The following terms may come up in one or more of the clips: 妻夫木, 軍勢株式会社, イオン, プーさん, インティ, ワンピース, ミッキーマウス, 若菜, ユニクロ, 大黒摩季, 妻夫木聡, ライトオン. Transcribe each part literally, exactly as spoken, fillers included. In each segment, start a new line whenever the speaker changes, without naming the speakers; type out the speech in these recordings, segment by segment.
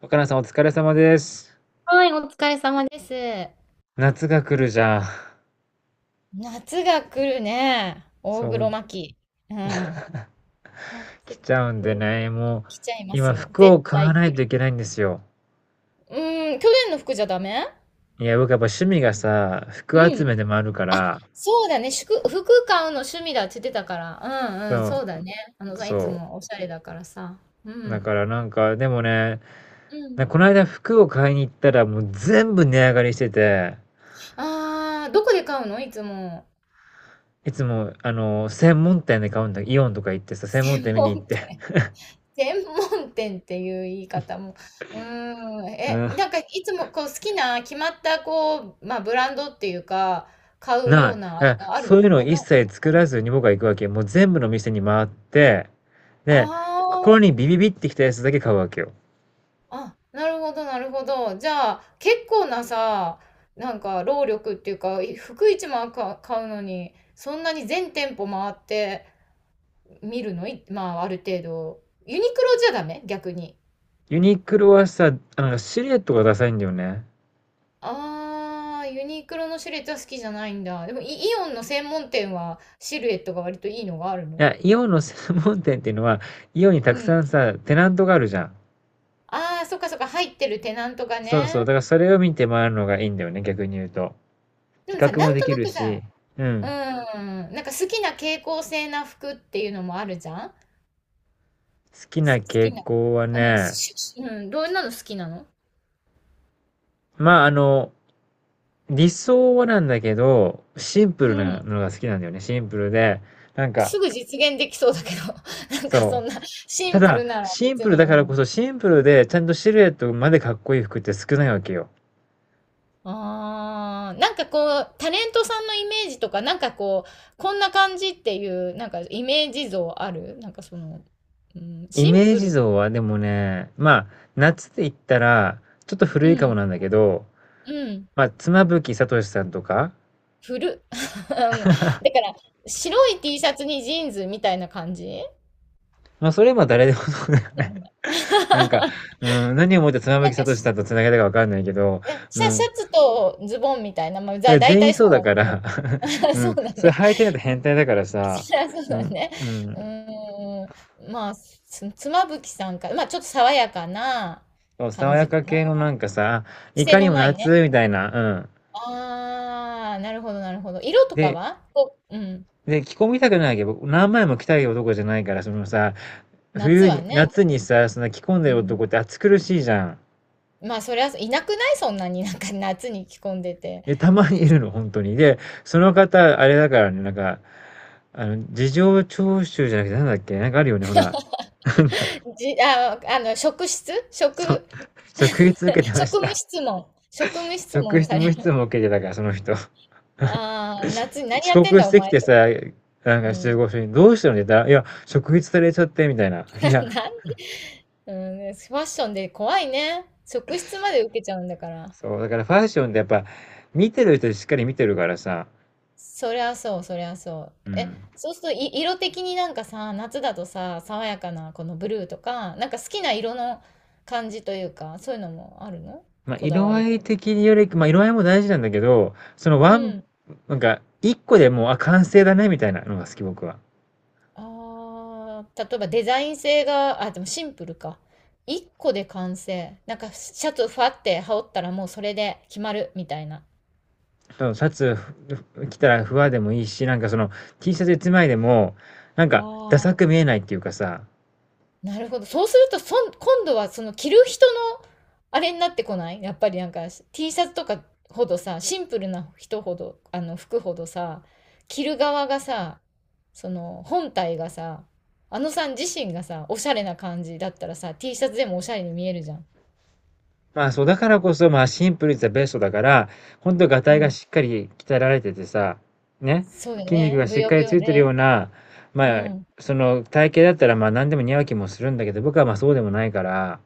若菜さんお疲れ様です。
はい、お疲れ様です。
夏が来るじゃん。
夏が来るね。大
そ
黒
う、
摩季。うん。夏
来ちゃうんでね、もう、
来ちゃいます
今
よ。
服
絶
を買わ
対
な
来
いと
る。
いけないんですよ。
うん。去年の服じゃダメ。
いや、僕やっぱ趣味がさ、服
う
集め
ん。
でもあるか
あ、
ら、
そうだね。服、服買うの趣味だって言ってたから。うんうん。そ
そ
うだね。あの
う、
さ、いつ
そ
もおしゃれだからさ。う
う。だ
ん。
からなんか、でもね、
うん。
なこの間服を買いに行ったらもう全部値上がりしてて、
あー、どこで買うのいつも。
いつも、あの、専門店で買うんだ、イオンとか行ってさ、専門
専
店見に行っ
門
て。
店。専門店っていう言い方も、うーん、
う
え、
ん。
なんかいつもこう好きな決まったこう、まあブランドっていうか、買う
な
よう
い。
なあれ
え、
があるの？
そういうのを
あ、
一
な、
切
な
作
い？
らずに僕は行くわけ。もう全部の店に回って、で、
あ
心
あ、
にビビビってきたやつだけ買うわけよ。
あ、なるほど、なるほど。じゃあ、結構なさ、なんか労力っていうか、い服一枚か買うのに、そんなに全店舗回って見るの？いまあある程度。ユニクロじゃダメ逆に？
ユニクロはさ、あの、シルエットがダサいんだよね。
あー、ユニクロのシルエットは好きじゃないんだ。でもイ、イオンの専門店はシルエットが割といいのがある
い
の？
や、イオンの専門店っていうのは、イオンに
う
たくさ
ん。
んさ、テナントがあるじゃん。
あー、そっかそっか、入ってるテナントが
そうそう。だ
ね。
からそれを見て回るのがいいんだよね、逆に言うと。
で
比
もさ、
較
な
も
ん
で
と
き
な
る
くさ、
し、う
う
ん。
ん、なんか好きな傾向性な服っていうのもあるじゃん。
好きな
す好き
傾
な。
向は
うん、
ね、
ししうん、どんなの好きなの？
まあ、あの、理想はなんだけど、シンプ
う
ルな
ん。
のが好きなんだよね。シンプルで、なんか、
すぐ実現できそうだけど、なんか
そ
そんなシ
う。た
ンプ
だ、
ルなら
シン
別
プル
に、
だか
う
らこ
ん。
そ、シンプルでちゃんとシルエットまでかっこいい服って少ないわけよ。
ああ、なんかこう、タレントさんのイメージとか、なんかこう、こんな感じっていう、なんかイメージ像あるなんかその、うん、
イ
シン
メー
プ
ジ
ル。
像はでもね、まあ、夏って言ったら、ちょっと
う
古いかも
ん、
なんだけど、
うん、
まあ、妻夫木聡さんとか、
古。うん、だから、白い T シャツにジーンズみたいな感じ
まあ、それは誰でもそうだよ
で
ね。
もね。
なんか、
な
うん、何をもって妻夫
ん
木
か
聡さ
し、
んと繋げたかわかんないけど、
ね、
う
シャシ
ん、
ャツとズボンみたいな、まあ、
そ
だ、
れ
大
全員
体そ
そう
う
だ
なんだ
か
けど。
ら う
そう
ん、
だ
それ
ね。
履いてると変態だから さ、
そりゃそう
う
だ
ん、
ね。
う
う
ん、
ーん。まあ、つ、妻夫木さんか。まあ、ちょっと爽やかな
そう、
感
爽や
じか
か
な。
系のなんかさ、い
癖
かに
の
も
ないね。
夏みたいな、うん。
ああ、なるほど、なるほど。色とか
で、
はこう、うん。
で、着込みたくないけ。ど、何枚も着たい男じゃないから、そのさ、
夏
冬
は
に、
ね。
夏にさ、そんな着込んで
う
る
ん。
男って暑苦しいじゃん。
まあ、そりゃ、いなくない？そんなになんか夏に着込んでて。
で、たま
っ
に
て
い
じ、
るの、本当に。で、その方、あれだからね、なんか、あの、事情聴取じゃなくて、なんだっけ、なんかあるよね、ほら。なんだ、
あ、あの、職質職、
そう、職質受けてまし
職務
た。
質問。職務質
職
問
質
され
無質
る。
も受けてたから、その人。
ああ、夏に何や
遅
ってん
刻
だ
し
お
てき
前
て
と。
さ、なん
う
か集
ん。
合所に、どうしたのって言ったら、いや、職質されちゃって、みたいな。いや、
な、なんうん、ねファッションで怖いね。職質まで受けちゃうんだから。
そう、だからファッションってやっぱ、見てる人しっかり見てるからさ、
そりゃそう、そりゃそう。
う
え、
ん。
そうするとい色的になんかさ、夏だとさ、爽やかなこのブルーとか、なんか好きな色の感じというか、そういうのもあるの？
まあ、
こだ
色
わ
合
り
い
と。
的により、まあ、色合いも大事なんだけど、その
う
ワン、
ん。
なんか、一個でもう、あ、完成だね、みたいなのが好き、僕は。
ああ、例えばデザイン性が、あ、でもシンプルか。一個で完成。なんかシャツファって羽織ったらもうそれで決まるみたいな。
そのシャツふ着たらふわでもいいし、なんかその T シャツ一枚でも、なんか、ダサ
あ、
く見えないっていうかさ、
なるほど。そうすると、そん、今度はその着る人のあれになってこない？やっぱりなんか T シャツとかほどさ、シンプルな人ほど、あの服ほどさ、着る側がさ、その本体がさ、あのさん自身がさ、おしゃれな感じだったらさ、T シャツでもおしゃれに見えるじゃん。
まあそう、だからこそ、まあシンプルイズはベストだから、本当ガタ
う
イが
ん。
しっかり鍛えられててさ、ね、
そうよ
筋肉
ね。
が
ぶ
しっ
よ
か
ぶ
りつ
よ
いてる
で。
ような、
う
まあ、
ん。
その体型だったらまあ何でも似合う気もするんだけど、僕はまあそうでもないから、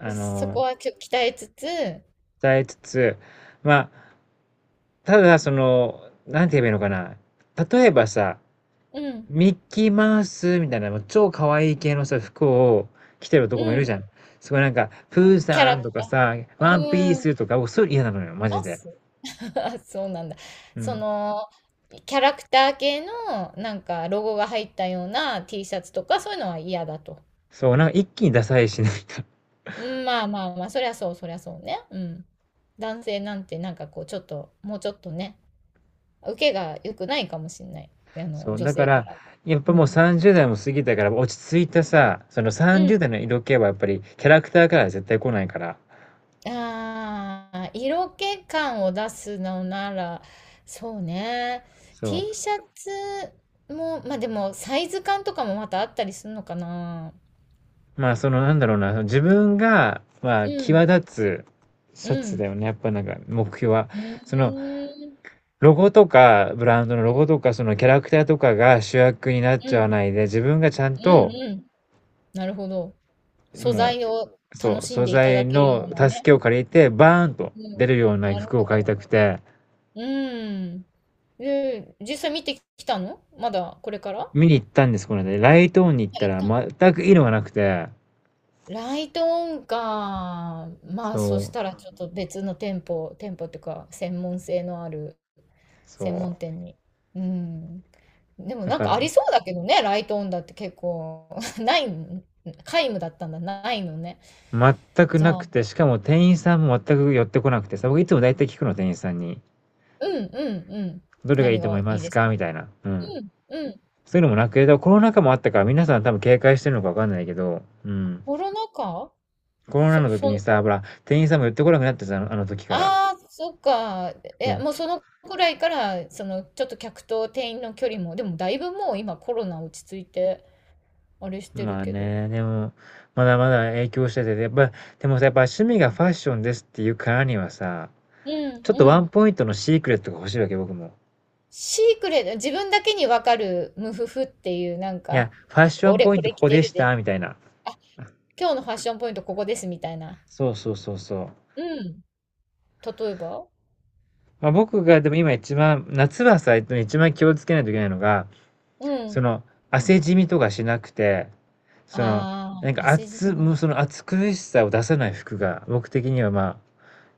あ
そこ
の、
はちょっと鍛えつつ、
伝えつつ、まあ、ただその、なんて言えばいいのかな。例えばさ、
うん。
ミッキーマウスみたいな、もう超可愛い系のさ、服を着てる男もい
う
る
ん。
じゃん。すごいなんか、プー
キャ
さ
ラ
ん
ク
とか
タ
さ、ワンピー
ー。
スとか、僕そういうの嫌なのよ、
い
マジ
ま
で。
す。 そうなんだ。
う
そ
ん。
の、キャラクター系の、なんか、ロゴが入ったような T シャツとか、そういうのは嫌だと。
そう、なんか一気にダサいし、ないか。
うん、まあまあまあ、そりゃそう、そりゃそうね。うん。男性なんて、なんかこう、ちょっと、もうちょっとね、受けが良くないかもしれない。あ
そ
の、
う、
女
だか
性か
ら、
ら。
やっぱ
う
もう
ん。
さんじゅう代も過ぎたから、落ち着いたさ、その
う
さんじゅう
ん。
代の色気はやっぱりキャラクターからは絶対来ないから。
ああ、色気感を出すのなら、そうね。
そ
T
う。
シャツも、まあでも、サイズ感とかもまたあったりするのかな。
まあ、その、なんだろうな、その自分が、まあ、
う
際
ん、
立つ
う
シャツ
ん、
だよね。やっぱなんか、目標は。
う
その、
ーん、
ロゴとか、ブランドのロゴとか、そのキャラクターとかが主役になっ
う
ちゃわ
ん、
ないで、自分がちゃん
う
と、
ん、うん。なるほど。素
も
材を
う、そ
楽
う、
しん
素
でいた
材
だけるよ
の
うな
助
ね。
けを借りて、バーンと
う
出
ん、
るような
なるほ
服を買い
ど。
たくて、
うん。で、実際見てきたの？まだこれからは？
見に行ったんです、この間。ライトオンに行ったら、
い
全く色がなくて、
ライトオンか。まあ、そし
そ
たら
う、
ちょっと別の店舗、店舗っていうか、専門性のある
そ
専門店に。うん。で
う。
も
だ
なん
か
か
ら、
ありそうだけどね、ライトオンだって結構、ないん、皆無だったんだ、ないのね。
全く
じゃ
な
あ、う
くて、しかも店員さんも全く寄ってこなくてさ、僕いつも大体聞くの、店員さんに。
んうんうん。
どれがいい
何
と思い
が
ま
いい
す
です
かみ
か？
たいな。うん。
うんうん。
そういうのもなくて、コロナ禍もあったから皆さん多分警戒してるのかわかんないけど、うん。
コロナ禍？
コロナ
そ、
の時に
そ、
さ、ほら、店員さんも寄ってこなくなってさ、あのあの時から。
ああ、そっか。え、もう
そ
そのくらいから、その、ちょっと客と店員の距離も、でもだいぶもう今コロナ落ち着いて、あれし
う。
てる
まあ
けど。
ね、でも、まだまだ影響してて、やっぱ、でもさ、やっぱ趣味がファッションですっていうからにはさ、
うん
ちょっと
う
ワン
ん。
ポイントのシークレットが欲しいわけ、僕も。
シークレット、自分だけにわかるムフフっていうなん
いや、
か、
ファッション
俺
ポイン
こ
ト
れ
こ
着
こ
て
でし
るで。
た、みたいな。
あ、今日のファッションポイントここですみたいな。
そうそうそうそう。
うん。例えば？
まあ、僕がでも今一番、夏はさ、一番気をつけないといけないのが、
う
そ
ん。
の、汗じみとかしなくて、その、
あ
なん
あー、
か
汗じみ
暑、もう
が、
その暑苦しさを出さない服が、僕的にはま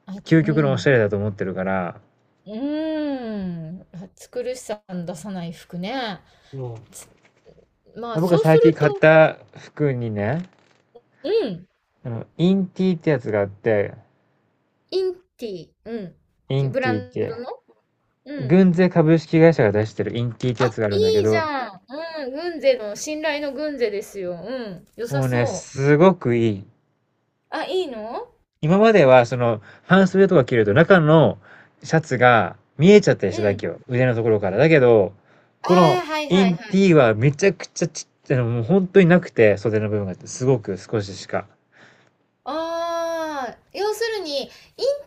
あ、
あ、究
う
極のおし
ん。
ゃれだと思ってるから、
うーん。暑苦しさの出さない服ね。
そうん。ま
つま
あ
あ、
僕が
そうす
最近
る
買っ
と、
た服にね、
うん。
あの、インティってやつがあって、
インティ、うん。
イン
ブラ
ティっ
ンド
て、
の、うん。
軍勢株式会社が出してるインティってや
あ、
つがあるんだけ
いいじ
ど、
ゃん。うん、軍勢の、信頼の軍勢ですよ。うん、良さ
もうね、
そう。
すごくいい。
あ、いいの？
今まではその半袖と
う
か
ん。
着ると中のシャツが見えちゃったりしただけよ。腕のところから。だけど、
あ
この
あ、はい
イ
はい
ン
は
テ
い。
ィーはめちゃくちゃちっちゃいの、もう本当になくて、袖の部分がすごく少ししか。
ああ、要するに、イン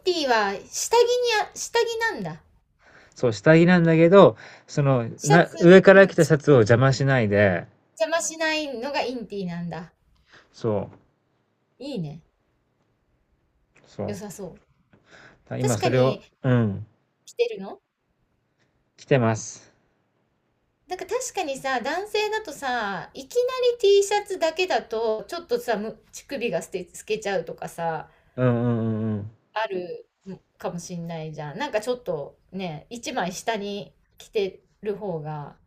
ティは下着に？あ、下着なんだ。
そう、下着なんだけど、その、
シャ
な、
ツ、
上か
う
ら
ん、
着たシャツを邪魔しないで、
邪魔しないのがインティなんだ。
そう、
いいね。良
そ
さそう。
う。今
確か
それを、
に
うん、
着てるの？
着てます。
なんか確かにさ、男性だとさ、いきなり T シャツだけだと、ちょっとさ、む乳首が透け、透けちゃうとかさ、
うんうんうんうん。
あるかもしんないじゃん。なんかちょっとね、一枚下に着てる方が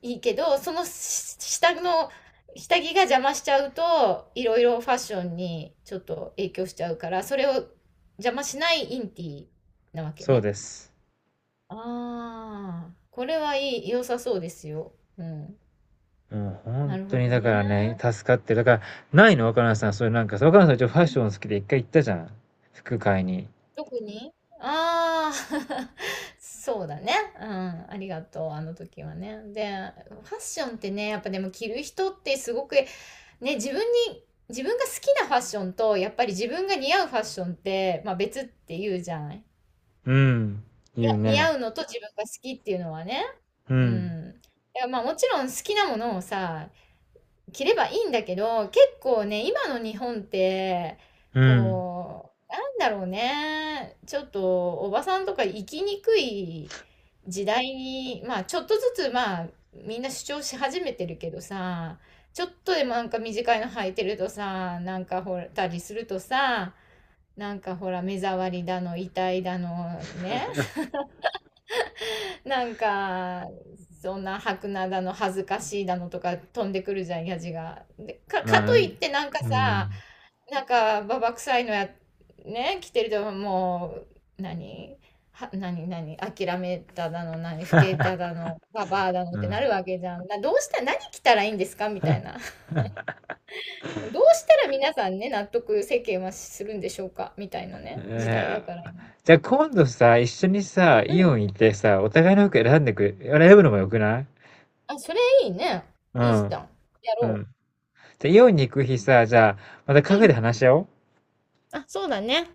いいけど、そのし下の下着が邪魔しちゃうと、いろいろファッションにちょっと影響しちゃうから、それを邪魔しないインティなわけ
そう
ね。
です。
ああ、これはいい、良さそうですよ。うん。
もう
な
本
るほ
当に
ど
だか
ね。
らね、助かってる。だから、ないの若菜さん、そういうなんかさ、若菜さん一応ファッション好きで一回行ったじゃん。服買いに。
特にああー。 そうだね。うん。ありがとう。あの時はね。で、ファッションってね、やっぱでも着る人ってすごく、ね、自分に、自分が好きなファッションと、やっぱり自分が似合うファッションって、まあ別って言うじゃない。
うん。
いや、
言う
似合
ね。
うのと自分が好きっていうのはね。
う
う
ん。
ん。いや、まあもちろん好きなものをさ、着ればいいんだけど、結構ね、今の日本って、
うん。
こう、なんだろうね、ちょっとおばさんとか生きにくい時代に、まあちょっとずつまあみんな主張し始めてるけどさ、ちょっとでもなんか短いの履いてるとさ、なんかほらたりするとさ、なんかほら目障りだの、痛いだのね、なんか、そんな白菜だの恥ずかしいだのとか飛んでくるじゃん、やじが。で、か、か
まあ、
と
う
いっ
ん。
てなんかさ、なんかババ臭いのや、ね、着てるともう、何は、何、何、諦めただの、何、老けただの、ババアだのっ
う
て
ん。
なるわけじゃん。な、どうした、何着たらいいんですかみたいな。どうしたら皆さんね、納得世間はするんでしょうかみたいなね、時代だ
えー
から今。
じゃあ今度さ、一緒にさ、
う
イオ
ん。
ン行ってさ、お互いの服選んでくれ、選ぶのもよくない？
あ、それいいね。
う
いいじ
ん。
ゃん。や
う
ろ
ん。じゃあイオンに行く日さ、じゃあ、また
う。
カフェ
うん。
で話し合おう。
あ、そうだね。